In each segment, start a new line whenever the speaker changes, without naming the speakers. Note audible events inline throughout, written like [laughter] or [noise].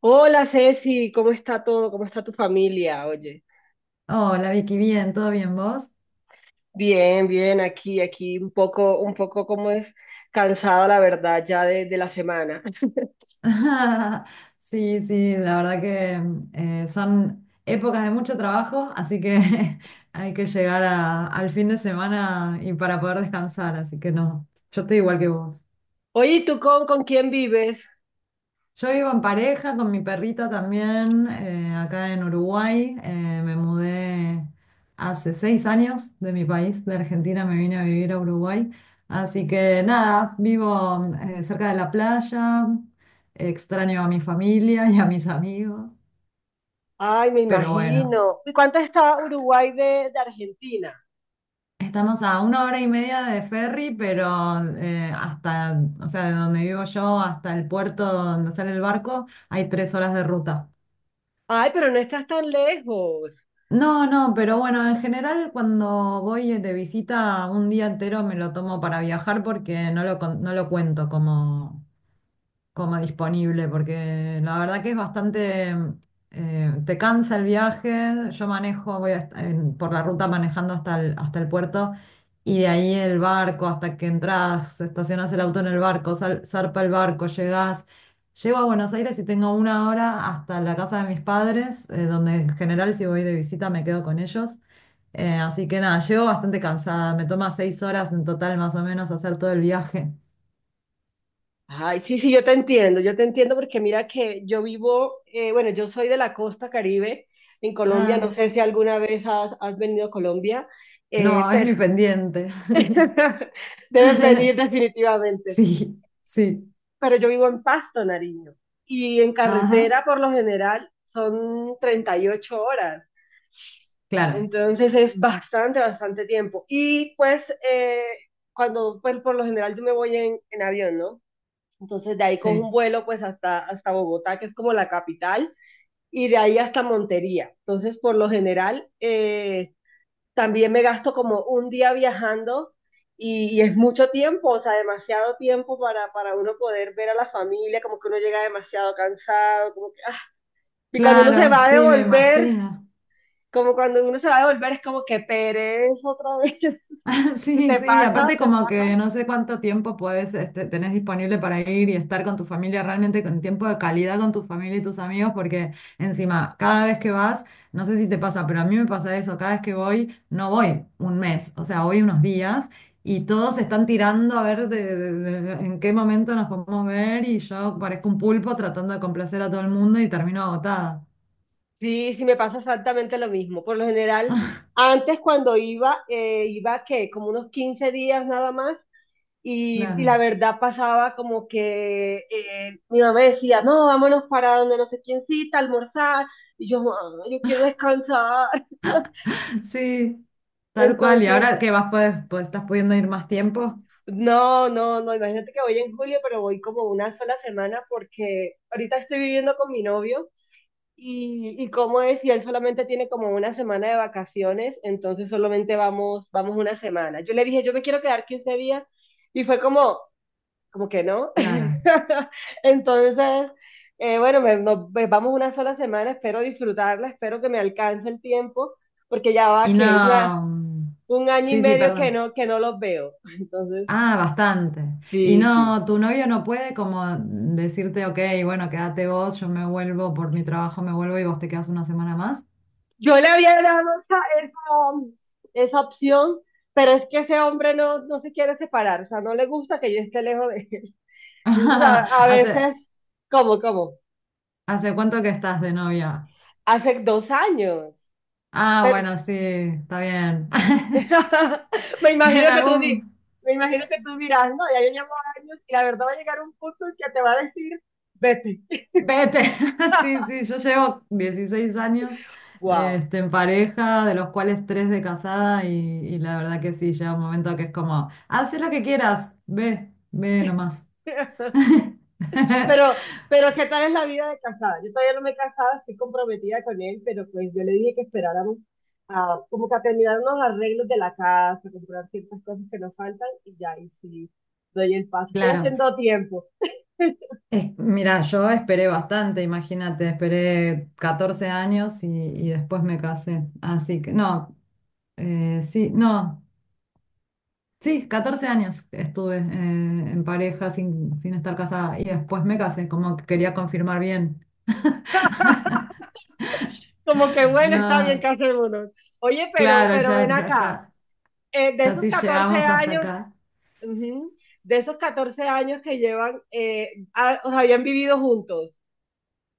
Hola Ceci, ¿cómo está todo? ¿Cómo está tu familia? Oye,
Hola Vicky, bien, ¿todo bien vos?
bien, bien, aquí, un poco como es cansada la verdad ya de la semana.
[laughs] Sí, sí, la verdad que son épocas de mucho trabajo, así que [laughs] hay que llegar al fin de semana y para poder descansar, así que no, yo estoy igual que vos.
Oye, ¿y tú con quién vives?
Yo vivo en pareja con mi perrita también, acá en Uruguay. Me mudé hace 6 años de mi país, de Argentina, me vine a vivir a Uruguay. Así que nada, vivo cerca de la playa, extraño a mi familia y a mis amigos,
Ay, me
pero bueno,
imagino. ¿Y cuánto está Uruguay de Argentina?
estamos a 1 hora y media de ferry, pero o sea, de donde vivo yo hasta el puerto donde sale el barco hay 3 horas de ruta.
Ay, pero no estás tan lejos.
No, no, pero bueno, en general cuando voy de visita un día entero me lo tomo para viajar porque no lo cuento como disponible, porque la verdad que es bastante, te cansa el viaje, yo manejo, voy por la ruta manejando hasta el puerto y de ahí el barco, hasta que entras, estacionas el auto en el barco, zarpa el barco, llego a Buenos Aires y tengo una hora hasta la casa de mis padres, donde en general si voy de visita me quedo con ellos. Así que nada, llego bastante cansada, me toma 6 horas en total más o menos hacer todo el viaje.
Ay, sí, sí, yo te entiendo porque mira que yo vivo, bueno, yo soy de la costa Caribe en Colombia, no
Ah.
sé si alguna vez has venido a Colombia,
No, es
pero
mi pendiente.
[laughs] Debes venir
[laughs]
definitivamente.
Sí, sí.
Pero yo vivo en Pasto, Nariño. Y en
Ajá,
carretera, por lo general, son 38 horas.
claro,
Entonces es bastante, bastante tiempo. Y pues, eh, cuando, pues, por lo general yo me voy en avión, ¿no? Entonces de ahí cojo un
sí.
vuelo pues hasta Bogotá, que es como la capital, y de ahí hasta Montería. Entonces, por lo general, también me gasto como un día viajando y es mucho tiempo, o sea, demasiado tiempo para uno poder ver a la familia, como que uno llega demasiado cansado, como que, ah. Y cuando uno se
Claro,
va a
sí, me
devolver,
imagino.
como cuando uno se va a devolver es como que pereza otra vez.
[laughs]
[laughs]
Sí,
¿Te
sí,
pasa?
aparte
¿Te
como
pasa?
que no sé cuánto tiempo puedes, este, tenés disponible para ir y estar con tu familia, realmente con tiempo de calidad con tu familia y tus amigos, porque encima, cada vez que vas, no sé si te pasa, pero a mí me pasa eso, cada vez que voy, no voy un mes, o sea, voy unos días y todos están tirando a ver en qué momento nos podemos ver y yo parezco un pulpo tratando de complacer a todo el mundo y termino agotada.
Sí, sí, me pasa exactamente lo mismo. Por lo general, antes cuando iba, iba que como unos 15 días nada más. Y
Claro.
la verdad pasaba como que mi mamá me decía, no, vámonos para donde no sé quién cita, a almorzar. Y yo, "Mamá, yo quiero descansar". [laughs]
Sí, tal cual. Y
Entonces,
ahora que vas, puedes, pues, estás pudiendo ir más tiempo,
no, no, no, imagínate que voy en julio, pero voy como una sola semana porque ahorita estoy viviendo con mi novio y cómo es, y él solamente tiene como una semana de vacaciones, entonces solamente vamos una semana. Yo le dije, yo me quiero quedar 15 días y fue como, como que no.
claro.
[laughs] Entonces, bueno, nos pues, vamos una sola semana, espero disfrutarla, espero que me alcance el tiempo, porque ya va
Y
que un, a-
no. Mm,
un año y
sí, sí,
medio
perdón.
que no los veo. Entonces,
Ah, bastante. Y
sí, sí.
no, tu novio no puede como decirte, ok, bueno, quédate vos, yo me vuelvo por mi trabajo, me vuelvo y vos te quedas una semana más.
Yo le había dado esa, esa opción, pero es que ese hombre no, no se quiere separar, o sea, no le gusta que yo esté lejos de él. Entonces, a
[laughs]
veces,
¿Hace,
cómo
hace cuánto que estás de novia?
hace 2 años.
Ah,
Pero,
bueno, sí, está bien. [laughs]
[laughs] Me
En
imagino que tú di-
algún,
me imagino que tú dirás, no, ya yo llevo años y la verdad va a llegar un punto en que te va a decir, vete.
Vete, [laughs] sí,
[laughs]
sí, yo llevo 16 años
Wow.
en pareja, de los cuales tres de casada y la verdad que sí, llega un momento que es como, "Ah, haz lo que quieras, ve, ve nomás".
[laughs]
[laughs]
Pero, pero ¿qué tal es la vida de casada? Yo todavía no me he casado, estoy comprometida con él, pero pues yo le dije que esperáramos como que a terminar unos arreglos de la casa, comprar ciertas cosas que nos faltan y ya, y sí, doy el paso. Estoy
Claro,
haciendo tiempo.
mira, yo esperé bastante, imagínate, esperé 14 años y después me casé, así que no, sí, no, sí, 14 años estuve en pareja sin estar casada y después me casé, como que quería confirmar bien.
[laughs] Como que bueno, está bien
No,
que hace uno. Oye, pero,
claro,
pero ven
ya, ya
acá.
está.
Eh, de
Ya
esos
sí
14
llegamos hasta
años,
acá.
uh -huh, de esos 14 años que llevan, o sea, habían vivido juntos.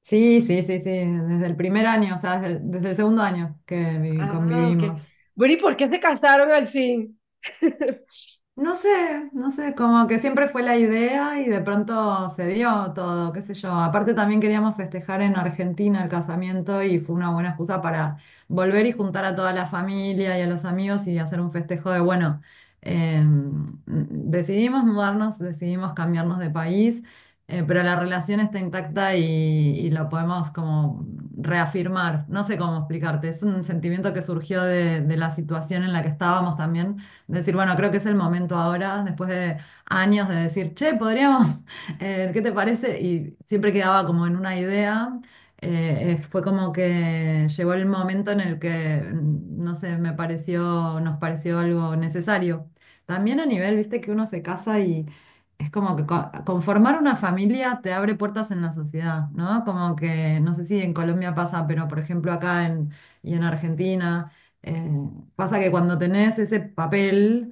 Sí, sí, sí, sí, desde el primer año, o sea, desde el segundo año que
Ah, ok.
convivimos.
Bueno, ¿y por qué se casaron al fin? [laughs]
No sé, no sé, como que siempre fue la idea y de pronto se dio todo, qué sé yo. Aparte también queríamos festejar en Argentina el casamiento y fue una buena excusa para volver y juntar a toda la familia y a los amigos y hacer un festejo de, bueno, eh, decidimos mudarnos, decidimos cambiarnos de país, pero la relación está intacta y lo podemos como reafirmar. No sé cómo explicarte, es un sentimiento que surgió de la situación en la que estábamos también. Decir, bueno, creo que es el momento ahora, después de años de decir, che, podríamos, [laughs] ¿qué te parece? Y siempre quedaba como en una idea. Fue como que llegó el momento en el que, no sé, me pareció, nos pareció algo necesario. También a nivel, viste, que uno se casa y es como que conformar una familia te abre puertas en la sociedad, ¿no? Como que, no sé si en Colombia pasa, pero por ejemplo acá y en Argentina. eh, Pasa que cuando tenés ese papel,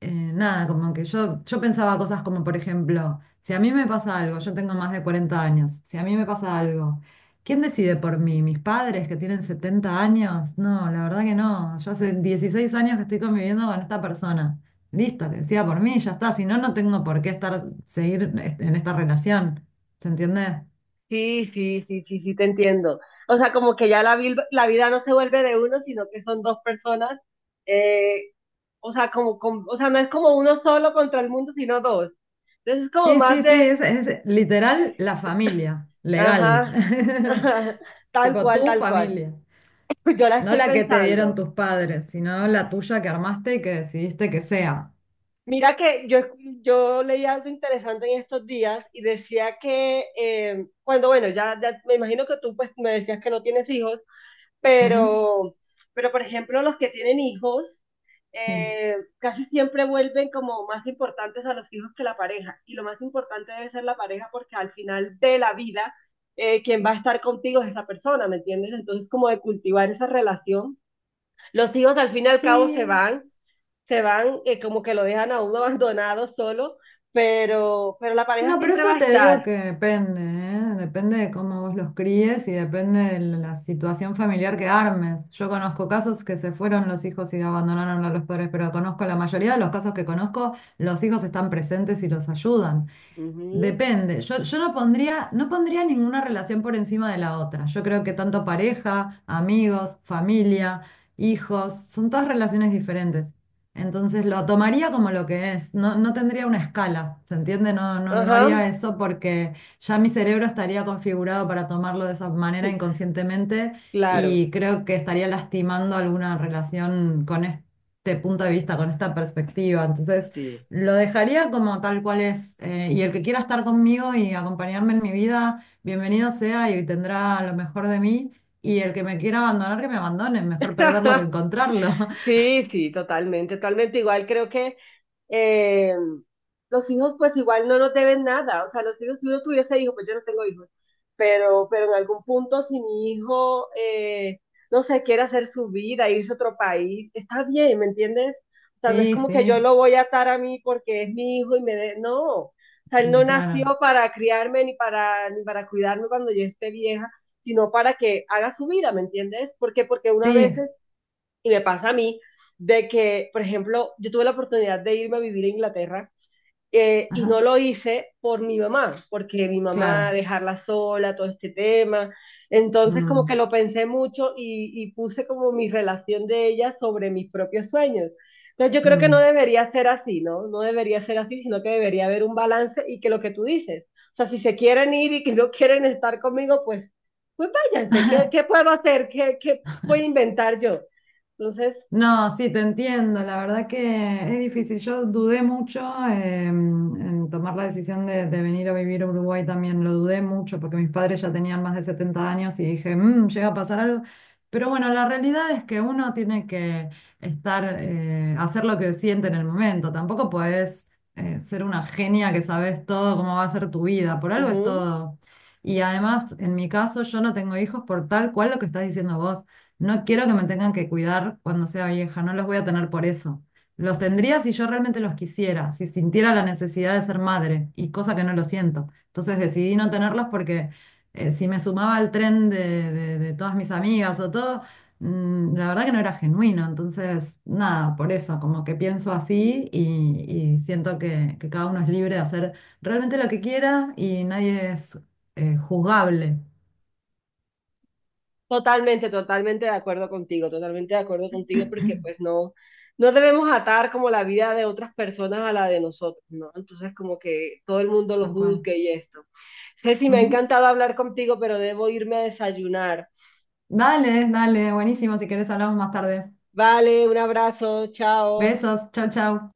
nada, como que yo pensaba cosas como, por ejemplo, si a mí me pasa algo, yo tengo más de 40 años, si a mí me pasa algo, ¿quién decide por mí? ¿Mis padres que tienen 70 años? No, la verdad que no. Yo hace 16 años que estoy conviviendo con esta persona. Listo, que decida por mí, ya está. Si no, no tengo por qué estar, seguir en esta relación. ¿Se entiende?
Sí, sí, sí, sí, sí, te entiendo. O sea, como que ya la vida no se vuelve de uno, sino que son 2 personas. Eh, o sea, o sea, no es como uno solo contra el mundo, sino dos. Entonces es como
Sí,
más
sí, sí,
de,
es literal la familia, legal.
ajá, [laughs]
[laughs]
ajá, tal
Tipo
cual,
tu
tal cual.
familia.
[laughs] Yo la
No
estoy
la que te dieron
pensando.
tus padres, sino la tuya que armaste y que decidiste que sea.
Mira que yo leí algo interesante en estos días y decía que cuando, bueno, ya me imagino que tú pues me decías que no tienes hijos,
Ujú,
pero, pero, por ejemplo los que tienen hijos
sí.
casi siempre vuelven como más importantes a los hijos que la pareja y lo más importante debe ser la pareja porque al final de la vida quien va a estar contigo es esa persona, ¿me entiendes? Entonces como de cultivar esa relación. Los hijos al fin y al cabo se
Sí.
van se van, como que lo dejan a uno [laughs] abandonado solo, pero la pareja
No, pero
siempre va
eso
a
te digo
estar.
que depende, ¿eh? Depende de cómo vos los críes y depende de la situación familiar que armes. Yo conozco casos que se fueron los hijos y abandonaron a los padres, pero conozco la mayoría de los casos que conozco, los hijos están presentes y los ayudan.
Ujú.
Depende. Yo no pondría, no pondría ninguna relación por encima de la otra. Yo creo que tanto pareja, amigos, familia, hijos, son todas relaciones diferentes. Entonces lo tomaría como lo que es. No, no tendría una escala, ¿se entiende? No, no, no
Ajá,
haría eso porque ya mi cerebro estaría configurado para tomarlo de esa manera inconscientemente
claro,
y creo que estaría lastimando alguna relación con este punto de vista, con esta perspectiva. Entonces.
sí.
Lo dejaría como tal cual es. Y el que quiera estar conmigo y acompañarme en mi vida, bienvenido sea y tendrá lo mejor de mí. Y el que me quiera abandonar, que me abandone. Mejor perderlo que
[laughs]
encontrarlo. [laughs]
Sí, sí, totalmente, totalmente. Igual creo que eh, los hijos pues igual no nos deben nada. O sea, los hijos, si uno tuviese hijos, pues yo no tengo hijos, pero en algún punto si mi hijo, no sé, quiere hacer su vida, irse a otro país, está bien, ¿me entiendes? O sea, no es
Sí,
como que yo
sí,
lo voy a atar a mí porque es mi hijo y me de... No, o sea, él no
claro.
nació para criarme ni para cuidarme cuando yo esté vieja, sino para que haga su vida, ¿me entiendes? porque, una vez
Sí,
y me pasa a mí de que, por ejemplo, yo tuve la oportunidad de irme a vivir a Inglaterra y no
ajá,
lo hice por mi mamá, porque mi mamá
claro.
dejarla sola, todo este tema. Entonces como que
Mm,
lo pensé mucho y puse como mi relación de ella sobre mis propios sueños. Entonces yo creo que no
mm.
debería ser así, ¿no? No debería ser así, sino que debería haber un balance y que lo que tú dices, o sea, si se quieren ir y que no [laughs] quieren estar conmigo, pues, váyanse, ¿qué,
[laughs]
qué puedo hacer? ¿Qué voy a inventar yo? Entonces,
No, sí, te entiendo. La verdad que es difícil. Yo dudé mucho en tomar la decisión de venir a vivir a Uruguay también. Lo dudé mucho porque mis padres ya tenían más de 70 años y dije, "Mm, llega a pasar algo". Pero bueno, la realidad es que uno tiene que hacer lo que siente en el momento. Tampoco puedes ser una genia que sabes todo cómo va a ser tu vida. Por
uh
algo es
-huh.
todo. Y además, en mi caso, yo no tengo hijos por tal cual lo que estás diciendo vos. No quiero que me tengan que cuidar cuando sea vieja, no los voy a tener por eso. Los tendría si yo realmente los quisiera, si sintiera la necesidad de ser madre, y cosa que no lo siento. Entonces decidí no tenerlos porque si me sumaba al tren de todas mis amigas o todo, la verdad que no era genuino. Entonces, nada, por eso, como que pienso así y siento que cada uno es libre de hacer realmente lo que quiera y nadie es juzgable.
Totalmente, totalmente de acuerdo contigo, totalmente de acuerdo contigo, porque pues no, no debemos atar como la vida de otras personas a la de nosotros, ¿no? Entonces como que todo el mundo lo
Tal cual.
juzgue y esto. Ceci, me ha
Ujú.
encantado hablar contigo, pero debo irme a desayunar.
Dale, dale, buenísimo. Si querés hablamos más tarde.
Vale, un abrazo, chao.
Besos, chau, chau.